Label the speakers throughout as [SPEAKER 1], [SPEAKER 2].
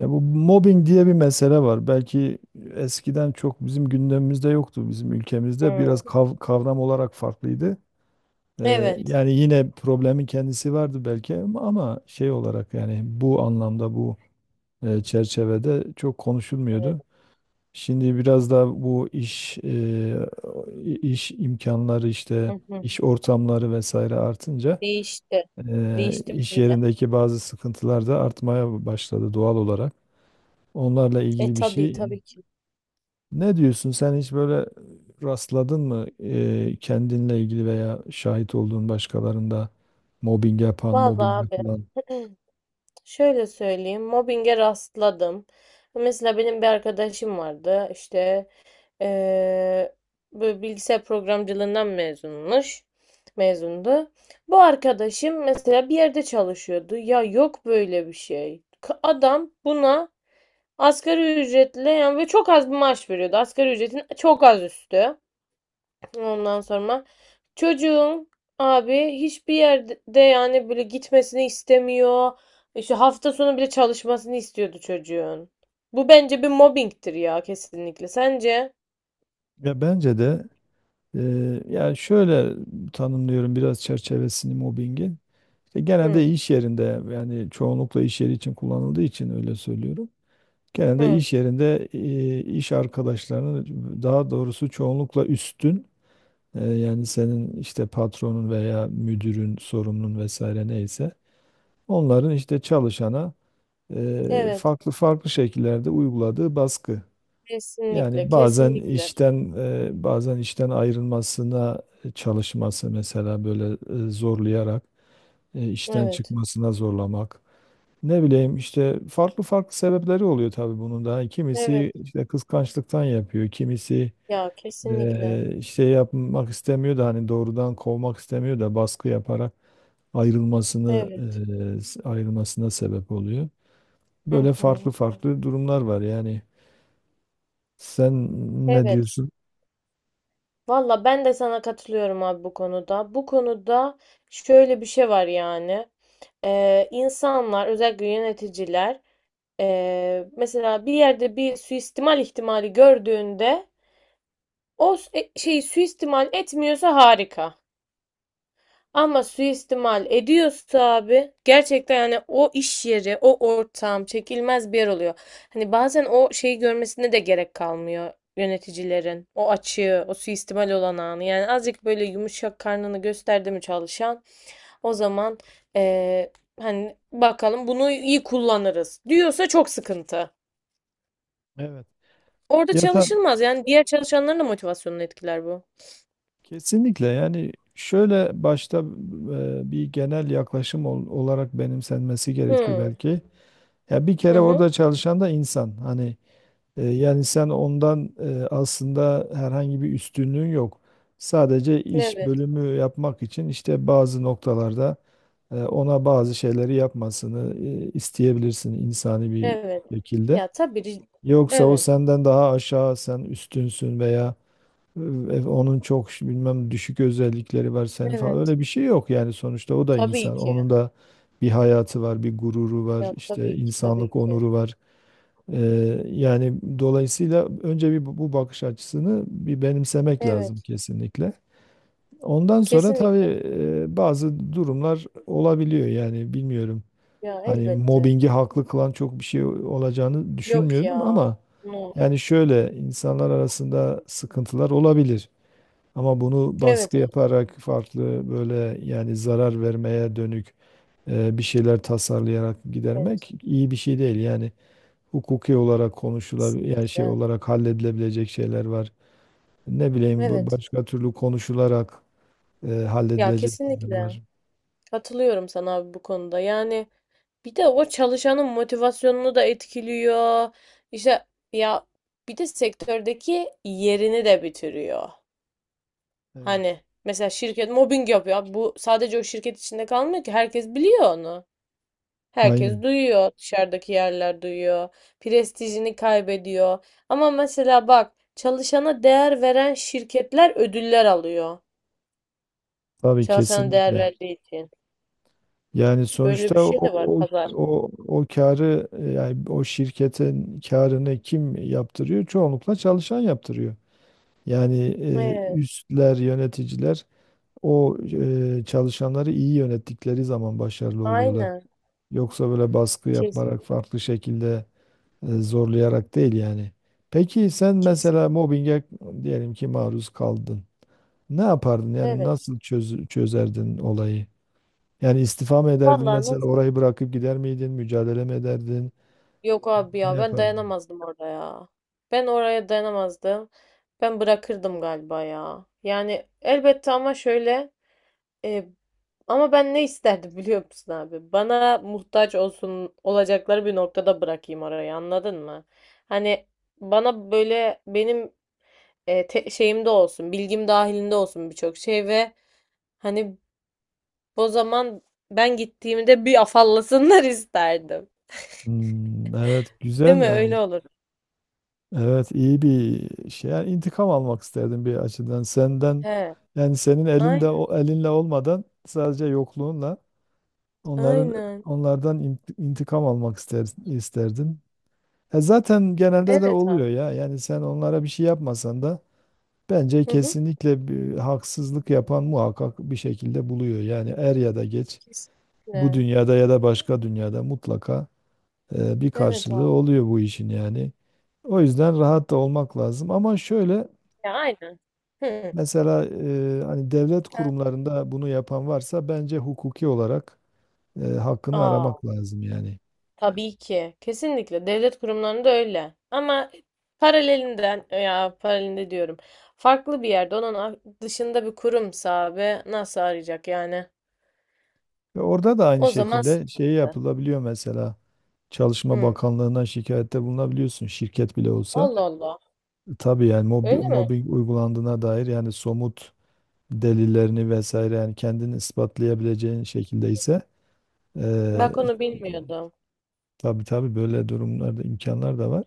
[SPEAKER 1] Ya bu mobbing diye bir mesele var. Belki eskiden çok bizim gündemimizde yoktu bizim ülkemizde. Biraz
[SPEAKER 2] Hmm.
[SPEAKER 1] kavram olarak farklıydı.
[SPEAKER 2] Evet.
[SPEAKER 1] Yani yine problemin kendisi vardı belki ama şey olarak yani bu anlamda bu çerçevede çok konuşulmuyordu.
[SPEAKER 2] Evet.
[SPEAKER 1] Şimdi biraz da bu iş imkanları
[SPEAKER 2] Hı
[SPEAKER 1] işte
[SPEAKER 2] hı.
[SPEAKER 1] iş ortamları vesaire artınca
[SPEAKER 2] Değişti. Değişti
[SPEAKER 1] iş
[SPEAKER 2] bir de.
[SPEAKER 1] yerindeki bazı sıkıntılar da artmaya başladı doğal olarak. Onlarla
[SPEAKER 2] E,
[SPEAKER 1] ilgili bir
[SPEAKER 2] tabii
[SPEAKER 1] şey.
[SPEAKER 2] tabii ki.
[SPEAKER 1] Ne diyorsun sen, hiç böyle rastladın mı, kendinle ilgili veya şahit olduğun başkalarında mobbing yapan, mobbing
[SPEAKER 2] Vallahi
[SPEAKER 1] yapılan?
[SPEAKER 2] abi. Şöyle söyleyeyim. Mobbinge rastladım. Mesela benim bir arkadaşım vardı. İşte eee böyle bilgisayar programcılığından mezunmuş. Mezundu. Bu arkadaşım mesela bir yerde çalışıyordu. Ya, yok böyle bir şey. Adam buna asgari ücretle yani ve çok az bir maaş veriyordu. Asgari ücretin çok az üstü. Ondan sonra çocuğum abi hiçbir yerde yani böyle gitmesini istemiyor. İşte hafta sonu bile çalışmasını istiyordu çocuğun. Bu bence bir mobbingtir ya, kesinlikle. Sence?
[SPEAKER 1] Ya bence de, e, yani şöyle tanımlıyorum biraz çerçevesini mobbingin. İşte genelde
[SPEAKER 2] Hı
[SPEAKER 1] iş yerinde, yani çoğunlukla iş yeri için kullanıldığı için öyle söylüyorum. Genelde
[SPEAKER 2] hı.
[SPEAKER 1] iş yerinde iş arkadaşlarının, daha doğrusu çoğunlukla üstün, yani senin işte patronun veya müdürün, sorumlun vesaire neyse, onların işte çalışana
[SPEAKER 2] Evet.
[SPEAKER 1] farklı farklı şekillerde uyguladığı baskı.
[SPEAKER 2] Kesinlikle,
[SPEAKER 1] Yani
[SPEAKER 2] kesinlikle.
[SPEAKER 1] bazen işten ayrılmasına çalışması, mesela böyle zorlayarak, işten
[SPEAKER 2] Evet.
[SPEAKER 1] çıkmasına zorlamak. Ne bileyim, işte farklı farklı sebepleri oluyor tabii bunun da. Yani
[SPEAKER 2] Evet.
[SPEAKER 1] kimisi işte kıskançlıktan yapıyor, kimisi
[SPEAKER 2] Ya kesinlikle.
[SPEAKER 1] işte yapmak istemiyor da hani doğrudan kovmak istemiyor da baskı yaparak ayrılmasını
[SPEAKER 2] Evet.
[SPEAKER 1] ayrılmasına sebep oluyor.
[SPEAKER 2] Hı
[SPEAKER 1] Böyle farklı
[SPEAKER 2] hı.
[SPEAKER 1] farklı durumlar var yani. Sen ne
[SPEAKER 2] Evet.
[SPEAKER 1] diyorsun?
[SPEAKER 2] Valla ben de sana katılıyorum abi bu konuda. Bu konuda şöyle bir şey var yani. İnsanlar özellikle yöneticiler, mesela bir yerde bir suistimal ihtimali gördüğünde o şeyi suistimal etmiyorsa harika. Ama suistimal ediyorsa abi gerçekten yani o iş yeri, o ortam çekilmez bir yer oluyor. Hani bazen o şeyi görmesine de gerek kalmıyor yöneticilerin. O açığı, o suistimal olan anı. Yani azıcık böyle yumuşak karnını gösterdi mi çalışan, o zaman eee, hani bakalım bunu iyi kullanırız diyorsa çok sıkıntı.
[SPEAKER 1] Evet.
[SPEAKER 2] Orada
[SPEAKER 1] Ya ta-
[SPEAKER 2] çalışılmaz. Yani diğer çalışanların da motivasyonunu etkiler bu.
[SPEAKER 1] Kesinlikle. Yani şöyle, başta bir genel yaklaşım olarak benimsenmesi gerekiyor
[SPEAKER 2] Hı.
[SPEAKER 1] belki. Ya bir
[SPEAKER 2] Hı
[SPEAKER 1] kere
[SPEAKER 2] hı.
[SPEAKER 1] orada çalışan da insan. Hani yani sen ondan, aslında herhangi bir üstünlüğün yok. Sadece iş
[SPEAKER 2] Evet.
[SPEAKER 1] bölümü yapmak için işte bazı noktalarda ona bazı şeyleri yapmasını isteyebilirsin insani bir
[SPEAKER 2] Evet.
[SPEAKER 1] şekilde.
[SPEAKER 2] Ya tabii.
[SPEAKER 1] Yoksa o
[SPEAKER 2] Evet.
[SPEAKER 1] senden daha aşağı, sen üstünsün veya e, onun çok bilmem düşük özellikleri var, senin falan.
[SPEAKER 2] Evet.
[SPEAKER 1] Öyle bir şey yok yani, sonuçta o da
[SPEAKER 2] Tabii
[SPEAKER 1] insan.
[SPEAKER 2] ki.
[SPEAKER 1] Onun da bir hayatı var, bir gururu var,
[SPEAKER 2] Ya
[SPEAKER 1] işte
[SPEAKER 2] tabii ki. Tabii
[SPEAKER 1] insanlık
[SPEAKER 2] ki.
[SPEAKER 1] onuru var. Yani dolayısıyla önce bir bu bakış açısını bir benimsemek lazım
[SPEAKER 2] Evet.
[SPEAKER 1] kesinlikle. Ondan sonra
[SPEAKER 2] Kesinlikle.
[SPEAKER 1] tabii bazı durumlar olabiliyor yani, bilmiyorum.
[SPEAKER 2] Ya
[SPEAKER 1] Hani
[SPEAKER 2] elbette.
[SPEAKER 1] mobbingi haklı kılan çok bir şey olacağını
[SPEAKER 2] Yok ya.
[SPEAKER 1] düşünmüyorum, ama
[SPEAKER 2] No.
[SPEAKER 1] yani şöyle, insanlar arasında sıkıntılar olabilir, ama bunu
[SPEAKER 2] Evet
[SPEAKER 1] baskı
[SPEAKER 2] abi.
[SPEAKER 1] yaparak, farklı böyle, yani zarar vermeye dönük bir şeyler tasarlayarak
[SPEAKER 2] Evet.
[SPEAKER 1] gidermek iyi bir şey değil. Yani hukuki olarak konuşulabilir, yani
[SPEAKER 2] Kesinlikle.
[SPEAKER 1] şey olarak halledilebilecek şeyler var. Ne bileyim,
[SPEAKER 2] Evet.
[SPEAKER 1] başka türlü konuşularak
[SPEAKER 2] Ya
[SPEAKER 1] halledilecek şeyler
[SPEAKER 2] kesinlikle.
[SPEAKER 1] var.
[SPEAKER 2] Katılıyorum sana abi bu konuda. Yani bir de o çalışanın motivasyonunu da etkiliyor. İşte, ya, bir de sektördeki yerini de bitiriyor. Hani
[SPEAKER 1] Evet.
[SPEAKER 2] mesela şirket mobbing yapıyor. Abi, bu sadece o şirket içinde kalmıyor ki. Herkes biliyor onu. Herkes
[SPEAKER 1] Aynen.
[SPEAKER 2] duyuyor. Dışarıdaki yerler duyuyor. Prestijini kaybediyor. Ama mesela bak, çalışana değer veren şirketler ödüller alıyor.
[SPEAKER 1] Tabii,
[SPEAKER 2] Çalışana değer
[SPEAKER 1] kesinlikle.
[SPEAKER 2] verdiği için.
[SPEAKER 1] Yani
[SPEAKER 2] Böyle bir
[SPEAKER 1] sonuçta o
[SPEAKER 2] şey de var
[SPEAKER 1] o
[SPEAKER 2] pazar.
[SPEAKER 1] o, o karı, yani o şirketin karını kim yaptırıyor? Çoğunlukla çalışan yaptırıyor. Yani
[SPEAKER 2] Evet.
[SPEAKER 1] üstler, yöneticiler, o çalışanları iyi yönettikleri zaman başarılı oluyorlar.
[SPEAKER 2] Aynen.
[SPEAKER 1] Yoksa böyle baskı yaparak,
[SPEAKER 2] Kesin.
[SPEAKER 1] farklı şekilde zorlayarak değil yani. Peki sen
[SPEAKER 2] Kesin.
[SPEAKER 1] mesela mobbinge, diyelim ki, maruz kaldın. Ne yapardın? Yani
[SPEAKER 2] Evet.
[SPEAKER 1] nasıl çözerdin olayı? Yani istifa mı ederdin
[SPEAKER 2] Vallahi.
[SPEAKER 1] mesela, orayı bırakıp gider miydin? Mücadele mi ederdin?
[SPEAKER 2] Yok abi
[SPEAKER 1] Ne
[SPEAKER 2] ya, ben
[SPEAKER 1] yapardın?
[SPEAKER 2] dayanamazdım orada ya. Ben oraya dayanamazdım. Ben bırakırdım galiba ya. Yani elbette, ama şöyle e, ama ben ne isterdim biliyor musun abi? Bana muhtaç olsun, olacakları bir noktada bırakayım orayı, anladın mı? Hani bana böyle benim şeyimde olsun, bilgim dahilinde olsun birçok şey ve hani o zaman ben gittiğimde bir afallasınlar isterdim.
[SPEAKER 1] Hmm, evet,
[SPEAKER 2] Değil
[SPEAKER 1] güzel
[SPEAKER 2] mi? Öyle. Yani
[SPEAKER 1] yani.
[SPEAKER 2] olur.
[SPEAKER 1] Evet, iyi bir şey. Yani intikam almak isterdim bir açıdan. Senden,
[SPEAKER 2] He.
[SPEAKER 1] yani senin
[SPEAKER 2] Ay-
[SPEAKER 1] elinde, o elinle olmadan sadece yokluğunla onların,
[SPEAKER 2] Aynen.
[SPEAKER 1] onlardan intikam almak ister, isterdin. E zaten genelde de
[SPEAKER 2] Evet
[SPEAKER 1] oluyor
[SPEAKER 2] abi.
[SPEAKER 1] ya. Yani sen onlara bir şey yapmasan da bence
[SPEAKER 2] Hı hı.
[SPEAKER 1] kesinlikle bir haksızlık yapan muhakkak bir şekilde buluyor. Yani er ya da geç, bu
[SPEAKER 2] Kesinlikle.
[SPEAKER 1] dünyada ya da başka dünyada mutlaka bir
[SPEAKER 2] Evet
[SPEAKER 1] karşılığı
[SPEAKER 2] abi.
[SPEAKER 1] oluyor bu işin yani. O yüzden rahat da olmak lazım. Ama şöyle,
[SPEAKER 2] Ya aynen. Hı.
[SPEAKER 1] mesela hani devlet
[SPEAKER 2] Ha.
[SPEAKER 1] kurumlarında bunu yapan varsa, bence hukuki olarak hakkını
[SPEAKER 2] Aa,
[SPEAKER 1] aramak lazım yani.
[SPEAKER 2] tabii ki. Kesinlikle. Devlet kurumlarında öyle. Ama paralelinden, ya, paralelinde diyorum. Farklı bir yerde onun dışında bir kurumsa abi nasıl arayacak yani?
[SPEAKER 1] Ve orada da aynı
[SPEAKER 2] O zaman
[SPEAKER 1] şekilde şey
[SPEAKER 2] sıkıntı.
[SPEAKER 1] yapılabiliyor mesela. Çalışma
[SPEAKER 2] Hı.
[SPEAKER 1] Bakanlığı'na şikayette bulunabiliyorsun şirket bile olsa.
[SPEAKER 2] Allah Allah.
[SPEAKER 1] Tabii yani
[SPEAKER 2] Öyle mi?
[SPEAKER 1] mobbing uygulandığına dair, yani somut delillerini vesaire, yani kendini ispatlayabileceğin şekilde ise. Ee,
[SPEAKER 2] Bak, onu bilmiyordum.
[SPEAKER 1] tabii tabii, böyle durumlarda imkanlar da var.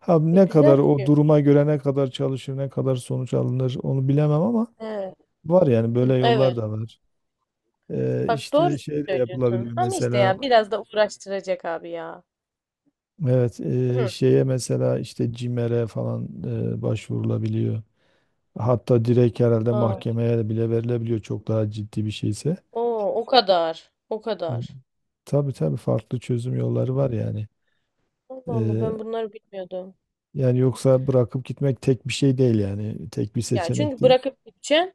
[SPEAKER 1] Ha,
[SPEAKER 2] E,
[SPEAKER 1] ne kadar,
[SPEAKER 2] güzel bir
[SPEAKER 1] o
[SPEAKER 2] şey.
[SPEAKER 1] duruma göre ne kadar çalışır, ne kadar sonuç alınır, onu bilemem ama
[SPEAKER 2] Evet.
[SPEAKER 1] var yani, böyle yollar
[SPEAKER 2] Evet.
[SPEAKER 1] da var.
[SPEAKER 2] Bak, doğru
[SPEAKER 1] İşte şey de
[SPEAKER 2] söylüyorsun.
[SPEAKER 1] yapılabiliyor
[SPEAKER 2] Ama işte
[SPEAKER 1] mesela,
[SPEAKER 2] ya, biraz da uğraştıracak abi ya.
[SPEAKER 1] evet,
[SPEAKER 2] Hı.
[SPEAKER 1] şeye mesela işte CİMER'e falan başvurulabiliyor. Hatta direkt herhalde
[SPEAKER 2] Aa.
[SPEAKER 1] mahkemeye de bile verilebiliyor çok daha ciddi bir şeyse.
[SPEAKER 2] Oo, o kadar. O
[SPEAKER 1] Ee,
[SPEAKER 2] kadar.
[SPEAKER 1] Tabii tabii, farklı çözüm yolları var yani.
[SPEAKER 2] Allah Allah,
[SPEAKER 1] Ee,
[SPEAKER 2] ben bunları bilmiyordum.
[SPEAKER 1] Yani yoksa bırakıp gitmek tek bir şey değil, yani tek bir
[SPEAKER 2] Ya,
[SPEAKER 1] seçenek
[SPEAKER 2] çünkü
[SPEAKER 1] değil.
[SPEAKER 2] bırakıp gideceksin.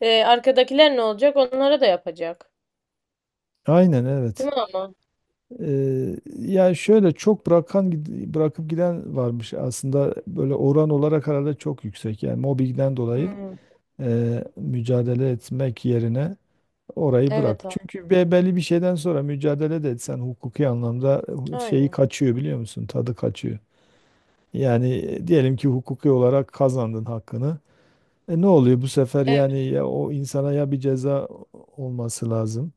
[SPEAKER 2] Arkadakiler ne olacak? Onlara da yapacak.
[SPEAKER 1] Aynen,
[SPEAKER 2] Değil
[SPEAKER 1] evet.
[SPEAKER 2] mi ama?
[SPEAKER 1] Ya şöyle, çok bırakıp giden varmış aslında, böyle oran olarak herhalde çok yüksek yani, mobbingden dolayı
[SPEAKER 2] Hmm.
[SPEAKER 1] mücadele etmek yerine orayı bırak.
[SPEAKER 2] Evet abi.
[SPEAKER 1] Çünkü belli bir şeyden sonra mücadele de etsen hukuki anlamda şeyi
[SPEAKER 2] Aynen.
[SPEAKER 1] kaçıyor, biliyor musun? Tadı kaçıyor. Yani diyelim ki hukuki olarak kazandın hakkını. E ne oluyor bu sefer,
[SPEAKER 2] Evet.
[SPEAKER 1] yani ya o insana ya bir ceza olması lazım.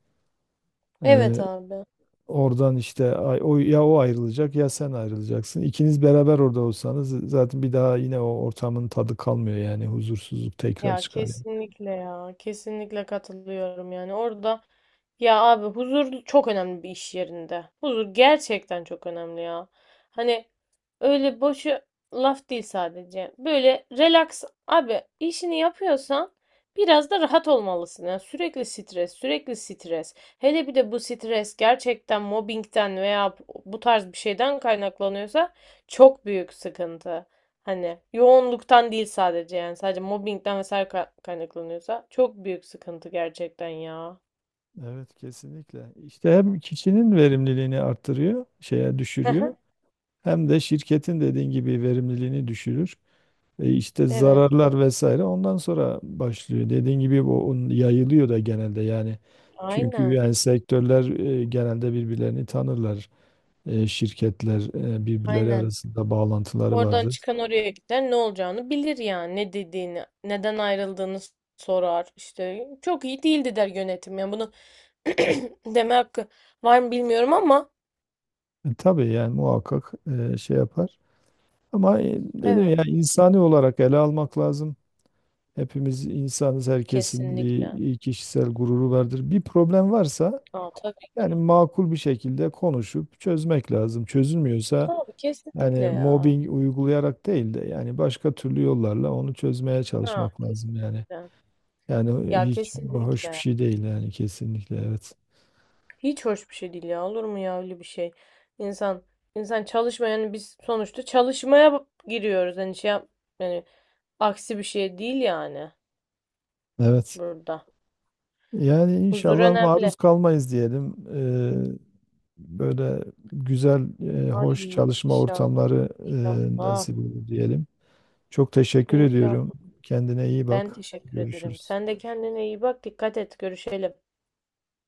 [SPEAKER 2] Evet abi.
[SPEAKER 1] Oradan işte ya o ayrılacak ya sen ayrılacaksın. İkiniz beraber orada olsanız zaten bir daha yine o ortamın tadı kalmıyor yani, huzursuzluk tekrar
[SPEAKER 2] Ya
[SPEAKER 1] çıkar yani.
[SPEAKER 2] kesinlikle ya. Kesinlikle katılıyorum yani. Orada, ya abi, huzur çok önemli bir iş yerinde. Huzur gerçekten çok önemli ya. Hani öyle boşu laf değil sadece. Böyle relax abi, işini yapıyorsan biraz da rahat olmalısın. Yani sürekli stres, sürekli stres. Hele bir de bu stres gerçekten mobbingden veya bu tarz bir şeyden kaynaklanıyorsa çok büyük sıkıntı. Hani yoğunluktan değil sadece, yani sadece mobbingden vesaire kaynaklanıyorsa çok büyük sıkıntı gerçekten ya.
[SPEAKER 1] Evet, kesinlikle. İşte hem kişinin verimliliğini arttırıyor, şeye
[SPEAKER 2] Hı
[SPEAKER 1] düşürüyor.
[SPEAKER 2] hı.
[SPEAKER 1] Hem de şirketin dediğin gibi verimliliğini düşürür. E işte
[SPEAKER 2] Evet.
[SPEAKER 1] zararlar vesaire ondan sonra başlıyor. Dediğin gibi bu onun yayılıyor da genelde yani. Çünkü
[SPEAKER 2] Aynen.
[SPEAKER 1] yani sektörler genelde birbirlerini tanırlar. Şirketler, birbirleri
[SPEAKER 2] Aynen.
[SPEAKER 1] arasında bağlantıları
[SPEAKER 2] Oradan
[SPEAKER 1] vardır.
[SPEAKER 2] çıkan oraya gider, ne olacağını bilir yani, ne dediğini, neden ayrıldığını sorar. İşte çok iyi değildi der yönetim. Yani bunu deme hakkı var mı bilmiyorum ama,
[SPEAKER 1] Tabii yani muhakkak şey yapar. Ama dedim
[SPEAKER 2] evet,
[SPEAKER 1] ya, insani olarak ele almak lazım. Hepimiz insanız, herkesin
[SPEAKER 2] kesinlikle.
[SPEAKER 1] bir kişisel gururu vardır. Bir problem varsa
[SPEAKER 2] Aa, tabii.
[SPEAKER 1] yani makul bir şekilde konuşup çözmek lazım. Çözülmüyorsa
[SPEAKER 2] Tabii, kesinlikle
[SPEAKER 1] yani
[SPEAKER 2] ya.
[SPEAKER 1] mobbing uygulayarak değil de yani başka türlü yollarla onu çözmeye
[SPEAKER 2] Ha,
[SPEAKER 1] çalışmak lazım yani.
[SPEAKER 2] kesinlikle.
[SPEAKER 1] Yani
[SPEAKER 2] Ya
[SPEAKER 1] hiç hoş bir
[SPEAKER 2] kesinlikle.
[SPEAKER 1] şey değil yani, kesinlikle evet.
[SPEAKER 2] Hiç hoş bir şey değil ya. Olur mu ya öyle bir şey? İnsan insan çalışma, yani biz sonuçta çalışmaya giriyoruz. Hani şey yap, yani aksi bir şey değil yani
[SPEAKER 1] Evet.
[SPEAKER 2] burada.
[SPEAKER 1] Yani
[SPEAKER 2] Huzur
[SPEAKER 1] inşallah maruz
[SPEAKER 2] önemli.
[SPEAKER 1] kalmayız diyelim. Böyle güzel,
[SPEAKER 2] Ay,
[SPEAKER 1] hoş çalışma
[SPEAKER 2] inşallah,
[SPEAKER 1] ortamları
[SPEAKER 2] inşallah.
[SPEAKER 1] nasip olur diyelim. Çok teşekkür
[SPEAKER 2] İnşallah.
[SPEAKER 1] ediyorum. Kendine iyi
[SPEAKER 2] Ben
[SPEAKER 1] bak.
[SPEAKER 2] teşekkür ederim.
[SPEAKER 1] Görüşürüz.
[SPEAKER 2] Sen de kendine iyi bak. Dikkat et. Görüşelim.